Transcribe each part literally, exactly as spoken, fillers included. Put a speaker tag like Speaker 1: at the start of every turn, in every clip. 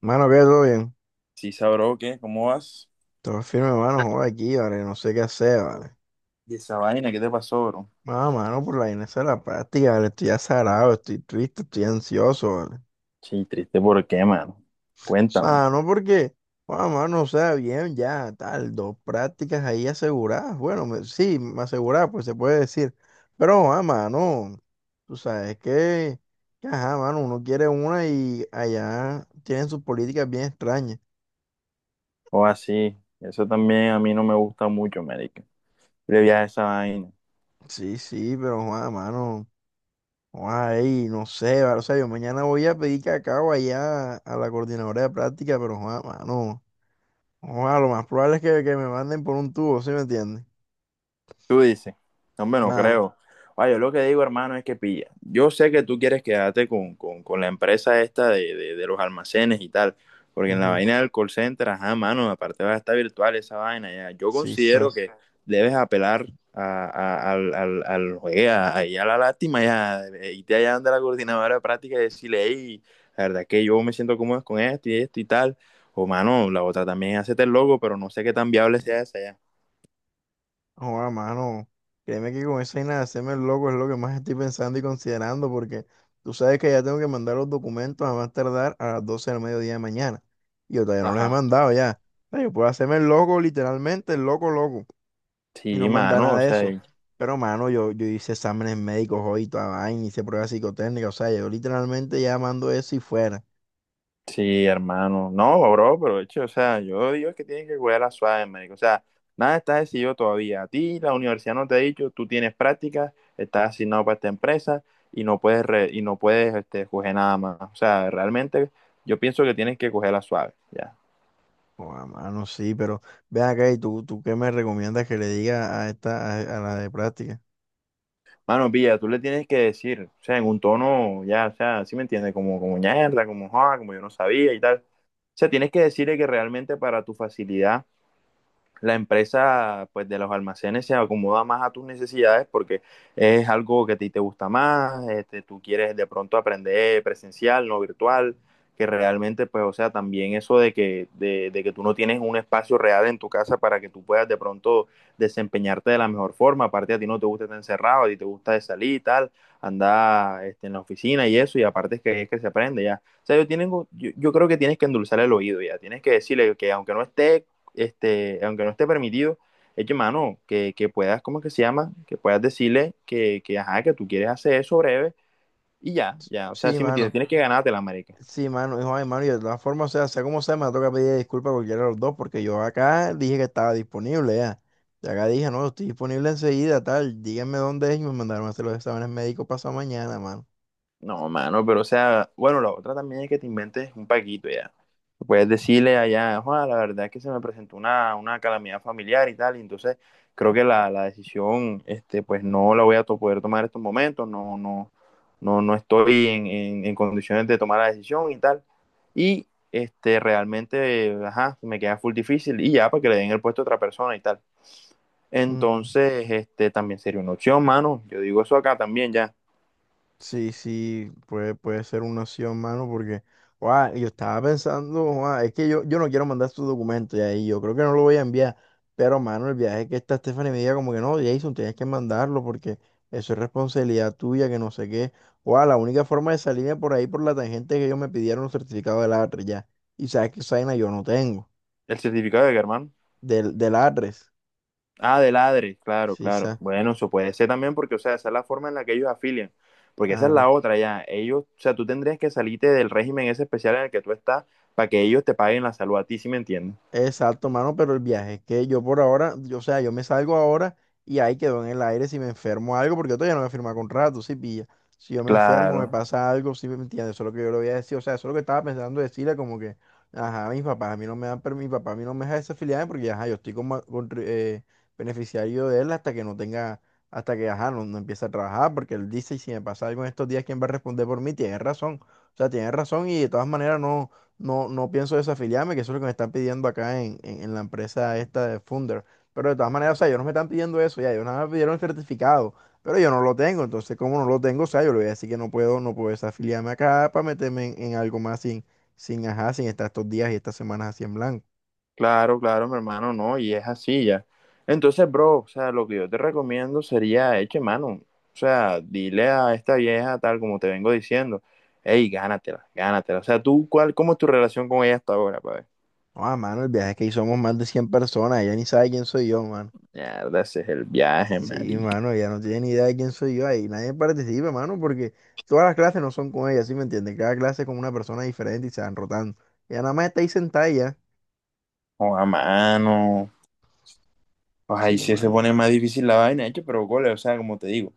Speaker 1: Mano, que, ¿todo bien?
Speaker 2: Sí, sabró, ¿qué? ¿Cómo vas?
Speaker 1: Todo firme, mano, joder, aquí, vale, no sé qué hacer, vale.
Speaker 2: ¿Y esa vaina? ¿Qué te pasó, bro?
Speaker 1: Mano, mano, por la vaina esa de la práctica, vale, estoy azarado, estoy triste, estoy ansioso, vale.
Speaker 2: Sí, triste, ¿por qué, mano? Cuéntame.
Speaker 1: Mano, porque, bueno, mano, o sea, bien, ya, tal, dos prácticas ahí aseguradas, bueno, me- sí, me aseguradas, pues se puede decir, pero, ah, mano, tú sabes que, que, ajá, mano, uno quiere una y allá tienen sus políticas bien extrañas.
Speaker 2: O así, eso también a mí no me gusta mucho, marica. Le vi a esa vaina.
Speaker 1: Sí, sí, pero, ah, mano. Ay, no sé, va, o sea, yo mañana voy a pedir cacao allá a la coordinadora de práctica, pero joda, mano, joda, lo más probable es que, que me manden por un tubo, ¿sí me entiendes?
Speaker 2: Tú dices, "No, hombre, no me lo
Speaker 1: Nada,
Speaker 2: creo." Oye, yo lo que digo, hermano, es que pilla. Yo sé que tú quieres quedarte con, con, con la empresa esta de, de, de los almacenes y tal, porque en la
Speaker 1: ujú,
Speaker 2: vaina del call center, ajá, mano, aparte va a estar virtual esa vaina, ya. Yo
Speaker 1: sí, sí,
Speaker 2: considero que debes apelar a, a- al, al, al- oye, a- ahí a la lástima, ya, eh, irte allá donde la coordinadora de práctica y decirle, hey, la verdad es que yo me siento cómodo con esto y esto y tal. O, mano, la otra también, hacete el logo, pero no sé qué tan viable sea esa ya.
Speaker 1: joda, mano, créeme que con esa vaina de hacerme el loco es lo que más estoy pensando y considerando, porque tú sabes que ya tengo que mandar los documentos a más tardar a las doce del mediodía de mañana, y yo todavía no los he
Speaker 2: Ajá.
Speaker 1: mandado ya. O sea, yo puedo hacerme el loco, literalmente, el loco, loco. Y no
Speaker 2: Sí,
Speaker 1: manda
Speaker 2: mano,
Speaker 1: nada
Speaker 2: o
Speaker 1: de
Speaker 2: sea,
Speaker 1: eso.
Speaker 2: y-
Speaker 1: Pero, mano, yo, yo hice exámenes médicos hoy, y toda vaina, hice pruebas psicotécnicas, o sea, yo literalmente ya mando eso y fuera.
Speaker 2: sí, hermano. No, bro, pero de hecho, o sea, yo digo que tienes que cuidar la suave, médico. O sea, nada está decidido todavía. A ti la universidad no te ha dicho, tú tienes prácticas, estás asignado para esta empresa y no puedes re- y no puedes este, coger nada más. O sea, realmente yo pienso que tienes que coger la suave, ya.
Speaker 1: Joda, mano, sí, pero ven acá y tú, tú qué me recomiendas que le diga a esta, a, a la de práctica.
Speaker 2: Mano, pilla, tú le tienes que decir, o sea, en un tono, ya, o sea, sí me entiendes, como, como ñerda, como joda, como yo no sabía y tal. O sea, tienes que decirle que realmente para tu facilidad la empresa pues de los almacenes se acomoda más a tus necesidades porque es algo que a ti te gusta más, este, tú quieres de pronto aprender presencial, no virtual, que realmente pues o sea también eso de que, de, de que tú no tienes un espacio real en tu casa para que tú puedas de pronto desempeñarte de la mejor forma, aparte a ti no te gusta estar encerrado, a ti te gusta de salir y tal, andar este, en la oficina y eso, y aparte es que es que se aprende ya. O sea, yo, tienen, yo, yo creo que tienes que endulzar el oído ya, tienes que decirle que aunque no esté este, aunque no esté permitido, es mano, que, que puedas, ¿cómo es que se llama? Que puedas decirle que, que, ajá, que tú quieres hacer eso breve y ya, ya. O sea,
Speaker 1: Sí,
Speaker 2: si me entiendes,
Speaker 1: mano,
Speaker 2: tienes que ganártela, marica.
Speaker 1: sí, mano, hijo, ay, mano, y de todas formas, o sea, sea como sea, me toca pedir disculpas a cualquiera de los dos, porque yo acá dije que estaba disponible ya. Y acá dije, no, estoy disponible enseguida, tal, díganme dónde es y me mandaron a hacer los exámenes médicos pasado mañana, mano.
Speaker 2: No, mano, pero o sea, bueno, la otra también es que te inventes un paquito ya. Puedes decirle allá, Juan, la verdad es que se me presentó una, una calamidad familiar y tal, y entonces creo que la, la decisión, este, pues no la voy a to- poder tomar en estos momentos, no, no, no, no estoy en, en- en condiciones de tomar la decisión y tal. Y este, realmente, ajá, me queda full difícil y ya, para que le den el puesto a otra persona y tal.
Speaker 1: Mm.
Speaker 2: Entonces, este, también sería una opción, mano. Yo digo eso acá también ya.
Speaker 1: Sí, sí, puede, puede ser una opción, mano, porque, guau, yo estaba pensando, guau, es que yo, yo no quiero mandar su documentos y ahí yo creo que no lo voy a enviar, pero, mano, el viaje que está Stephanie me diga como que no, Jason, tienes que mandarlo porque eso es responsabilidad tuya, que no sé qué, guau, la única forma de salirme por ahí por la tangente es que ellos me pidieron un certificado de A T R E S ya, y sabes que esa vaina yo no tengo,
Speaker 2: ¿El certificado de que, hermano?
Speaker 1: del, del A T R E S,
Speaker 2: Ah, de ladre, claro,
Speaker 1: sí,
Speaker 2: claro.
Speaker 1: sabes.
Speaker 2: Bueno, eso puede ser también porque, o sea, esa es la forma en la que ellos afilian. Porque esa es la otra, ya. Ellos, o sea, tú tendrías que salirte del régimen ese especial en el que tú estás para que ellos te paguen la salud a ti, ¿sí me entiendes?
Speaker 1: Exacto, mano, pero el viaje es que yo por ahora, yo, o sea, yo me salgo ahora y ahí quedo en el aire si me enfermo algo, porque yo todavía no me firma contrato, ¿sí pilla? Si yo me enfermo, me
Speaker 2: Claro,
Speaker 1: pasa algo, ¿sí me entiendes? Eso es lo que yo le voy a decir, o sea, eso es lo que estaba pensando decirle, como que, ajá, mis papás a mí no me dan, per- mi papá a mí no me deja desafiliarme porque, ajá, yo estoy como contri- eh, beneficiario de él hasta que no tenga, hasta que, ajá, no, no empiece a trabajar, porque él dice, y si me pasa algo en estos días, ¿quién va a responder por mí? Tiene razón, o sea, tiene razón y de todas maneras no. No, no pienso desafiliarme, que eso es lo que me están pidiendo acá en, en, en la empresa esta de Funder. Pero de todas maneras, o sea, ellos no me están pidiendo eso, ya, ellos nada más me pidieron el certificado, pero yo no lo tengo. Entonces, como no lo tengo, o sea, yo le voy a decir que no puedo, no puedo desafiliarme acá para meterme en, en algo más sin, sin, ajá, sin estar estos días y estas semanas así en blanco.
Speaker 2: claro, claro, mi hermano, no, y es así ya. Entonces, bro, o sea, lo que yo te recomiendo sería, eche mano, o sea, dile a esta vieja tal como te vengo diciendo, hey, gánatela, gánatela. O sea, tú, cuál, ¿cómo es tu relación con ella hasta ahora, pa' ver?
Speaker 1: No, ah, mano, el viaje es que hicimos más de cien personas, ella ni sabe quién soy yo, mano.
Speaker 2: Mierda, ese es el viaje,
Speaker 1: Sí,
Speaker 2: María.
Speaker 1: mano, ella no tiene ni idea de quién soy yo ahí. Nadie participa, mano, porque todas las clases no son con ella, ¿sí me entiendes? Cada clase es con una persona diferente y se van rotando. Ella nada más está ahí sentada y ya.
Speaker 2: O a mano. Pues ahí
Speaker 1: Sí,
Speaker 2: sí se
Speaker 1: mano.
Speaker 2: pone más difícil la vaina, hecho, pero cole, o sea, como te digo,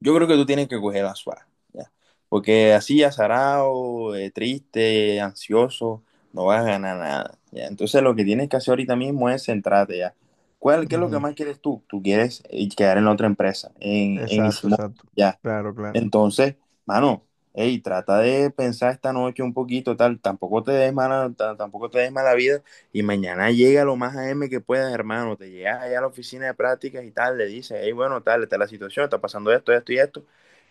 Speaker 2: yo creo que tú tienes que coger la suave, ya. Porque así, azarado, eh, triste, ansioso, no vas a ganar nada, ya. Entonces, lo que tienes que hacer ahorita mismo es centrarte, ya. ¿Cuál, qué es lo que
Speaker 1: Ujú.
Speaker 2: más quieres tú? Tú quieres eh, quedar en la otra empresa, en, en
Speaker 1: Exacto,
Speaker 2: Ichimoku,
Speaker 1: exacto.
Speaker 2: ya.
Speaker 1: Claro, claro.
Speaker 2: Entonces, mano, hey, trata de pensar esta noche un poquito, tal, tampoco te des mala, ta- tampoco te des mala vida y mañana llega lo más a m que puedas, hermano, te llegas allá a la oficina de prácticas y tal, le dices, hey, bueno, tal, esta es la situación, está pasando esto, esto y esto,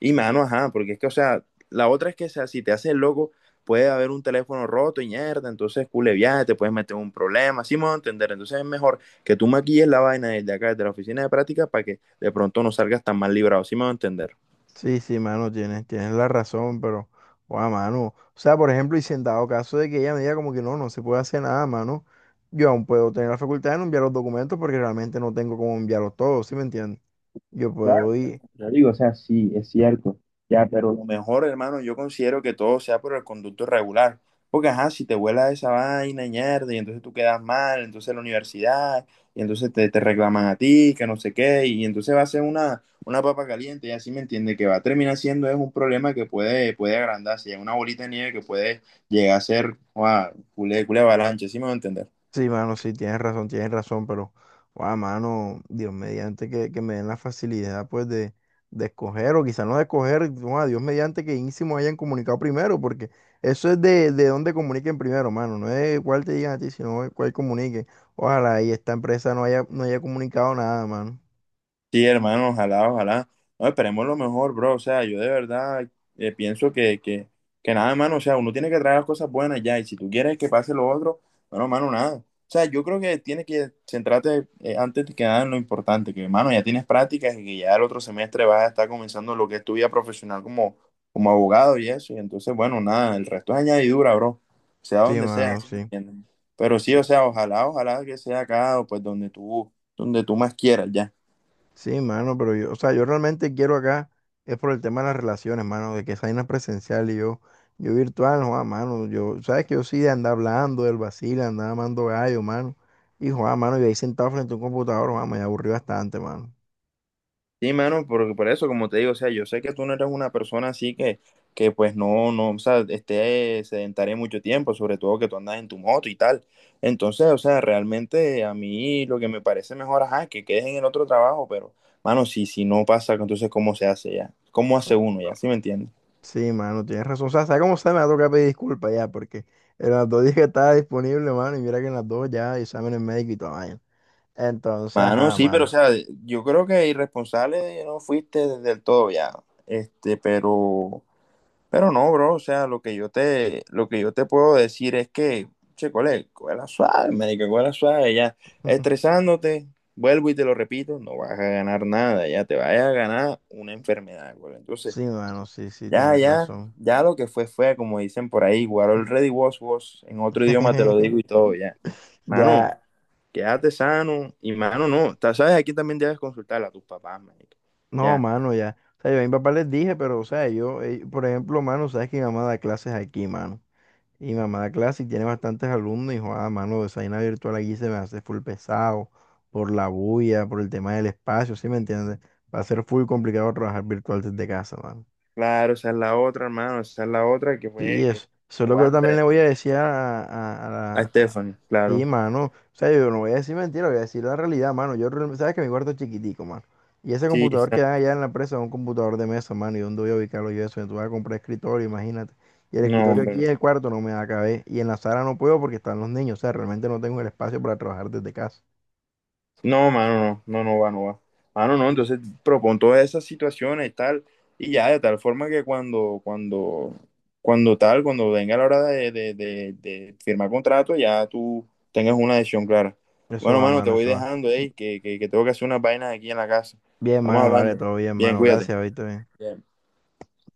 Speaker 2: y mano, ajá, porque es que, o sea, la otra es que, o sea, si te haces el loco, puede haber un teléfono roto y mierda, entonces, cule viaje, te puedes meter en un problema, así me voy a entender, entonces es mejor que tú maquilles la vaina desde acá, desde la oficina de prácticas, para que de pronto no salgas tan mal librado, así me voy a entender.
Speaker 1: Sí, sí, mano, tienes, tienes la razón, pero, guau, mano. O sea, por ejemplo, y si en dado caso de que ella me diga como que no, no se puede hacer nada, mano, yo aún puedo tener la facultad de no enviar los documentos porque realmente no tengo cómo enviarlos todos, ¿sí me entiendes? Yo
Speaker 2: Claro,
Speaker 1: puedo
Speaker 2: claro,
Speaker 1: ir.
Speaker 2: yo digo, o sea, sí, es cierto. Ya, pero lo mejor, hermano, yo considero que todo sea por el conducto regular. Porque, ajá, si te vuela esa vaina, ñerda, y entonces tú quedas mal, entonces la universidad, y entonces te, te reclaman a ti, que no sé qué, y entonces va a ser una, una papa caliente, y así me entiende, que va a terminar siendo es un problema que puede, puede agrandarse, ya una bolita de nieve que puede llegar a ser, wow, culé, culé avalancha, ¿sí me va a entender?
Speaker 1: Sí, mano, sí, tienes razón, tienes razón, pero, guau, mano, Dios mediante que, que me den la facilidad, pues, de, de escoger, o quizás no de escoger, guau, Dios mediante que Ínsimo hayan comunicado primero, porque eso es de, de dónde comuniquen primero, mano, no es cuál te digan a ti, sino de cuál comunique. Ojalá y esta empresa no haya, no haya comunicado nada, mano.
Speaker 2: Sí, hermano, ojalá, ojalá. No, esperemos lo mejor, bro. O sea, yo de verdad eh, pienso que, que, que nada, hermano. O sea, uno tiene que traer las cosas buenas ya. Y si tú quieres que pase lo otro, bueno, hermano, nada. O sea, yo creo que tienes que centrarte eh, antes que nada en lo importante, que, hermano, ya tienes prácticas y que ya el otro semestre vas a estar comenzando lo que es tu vida profesional como, como abogado y eso. Y entonces, bueno, nada, el resto es añadidura, bro. Sea
Speaker 1: Sí,
Speaker 2: donde sea,
Speaker 1: mano,
Speaker 2: ¿sí me
Speaker 1: sí.
Speaker 2: entiendes? Pero sí,
Speaker 1: Sí.
Speaker 2: o sea, ojalá, ojalá que sea acá o pues donde tú, donde tú más quieras ya.
Speaker 1: Sí, mano, pero yo, o sea, yo realmente quiero acá, es por el tema de las relaciones, mano, de que esa vaina es presencial y yo, yo virtual, no, mano, yo, sabes que yo sí de andar hablando del vacile, andar amando gallo, mano, y Juan, mano, y ahí sentado frente a un computador, Juan, me aburrí bastante, mano.
Speaker 2: Sí, mano, porque por eso, como te digo, o sea, yo sé que tú no eres una persona así que, que pues no, no, o sea, esté sedentaria mucho tiempo, sobre todo que tú andas en tu moto y tal. Entonces, o sea, realmente a mí lo que me parece mejor, ajá, es que quedes en el otro trabajo, pero, mano, si, si no pasa, entonces, ¿cómo se hace ya? ¿Cómo hace
Speaker 1: Oh,
Speaker 2: uno ya? ¿Sí me entiendes?
Speaker 1: sí, mano, tienes razón, o sea, ¿sabes cómo se me va a tocar pedir disculpas ya? Porque en las dos días que estaba disponible, mano, y mira que en las dos ya exámenes médicos y toda vaina. Entonces,
Speaker 2: Mano,
Speaker 1: ajá,
Speaker 2: sí, pero, o
Speaker 1: mano.
Speaker 2: sea, yo creo que irresponsable no fuiste del todo ya, este, pero... Pero no, bro, o sea, lo que yo te, lo que yo te puedo decir es que, che, cole, cuela suave, marica, cuela suave, ya, estresándote, vuelvo y te lo repito, no vas a ganar nada, ya te vas a ganar una enfermedad, cole. Entonces,
Speaker 1: Sí, mano, sí, sí,
Speaker 2: ya,
Speaker 1: tienes
Speaker 2: ya,
Speaker 1: razón.
Speaker 2: ya lo que fue, fue, como dicen por ahí, guardo el ready was, was, en otro idioma te lo digo y todo, ya. Mano,
Speaker 1: Ya.
Speaker 2: quédate sano, y mano, no, ta- sabes, aquí también debes consultar a tus papás, marica,
Speaker 1: No,
Speaker 2: ya.
Speaker 1: mano, ya. O sea, yo a mi papá les dije, pero, o sea, yo, eh, por ejemplo, mano, sabes que mi mamá da clases aquí, mano. Y mi mamá da clases y tiene bastantes alumnos. Y, joder, mano, esa vaina virtual aquí se me hace full pesado por la bulla, por el tema del espacio, ¿sí me entiendes? Va a ser full complicado trabajar virtual desde casa, mano.
Speaker 2: Claro, esa es la otra, hermano, esa es la otra que
Speaker 1: Sí,
Speaker 2: fue, que
Speaker 1: eso. Eso es lo que yo también
Speaker 2: aguanta.
Speaker 1: le voy a decir a,
Speaker 2: A
Speaker 1: a,
Speaker 2: Stephanie,
Speaker 1: Sí,
Speaker 2: claro.
Speaker 1: mano. O sea, yo no voy a decir mentira, voy a decir la realidad, mano. Yo, real- sabes que mi cuarto es chiquitico, mano. Y ese
Speaker 2: Sí,
Speaker 1: computador
Speaker 2: sí.
Speaker 1: que dan allá en la empresa es un computador de mesa, mano. ¿Y dónde voy a ubicarlo yo eso? Entonces voy a comprar escritorio, imagínate. Y el
Speaker 2: No,
Speaker 1: escritorio
Speaker 2: hombre, no.
Speaker 1: aquí en el cuarto no me da caber. Y en la sala no puedo porque están los niños. O sea, realmente no tengo el espacio para trabajar desde casa.
Speaker 2: No, mano, no, no, no va, no va. Mano, no,
Speaker 1: Sí.
Speaker 2: entonces propon todas esas situaciones y tal, y ya de tal forma que cuando, cuando, cuando tal, cuando venga la hora de, de, de- de firmar contrato, ya tú tengas una decisión clara.
Speaker 1: Eso
Speaker 2: Bueno,
Speaker 1: va,
Speaker 2: mano, te
Speaker 1: mano,
Speaker 2: voy
Speaker 1: eso va.
Speaker 2: dejando, ey, que, que, que tengo que hacer unas vainas aquí en la casa.
Speaker 1: Bien,
Speaker 2: Estamos
Speaker 1: mano, vale,
Speaker 2: hablando.
Speaker 1: todo bien,
Speaker 2: Bien,
Speaker 1: mano.
Speaker 2: cuídate.
Speaker 1: Gracias, ahorita bien.
Speaker 2: Bien.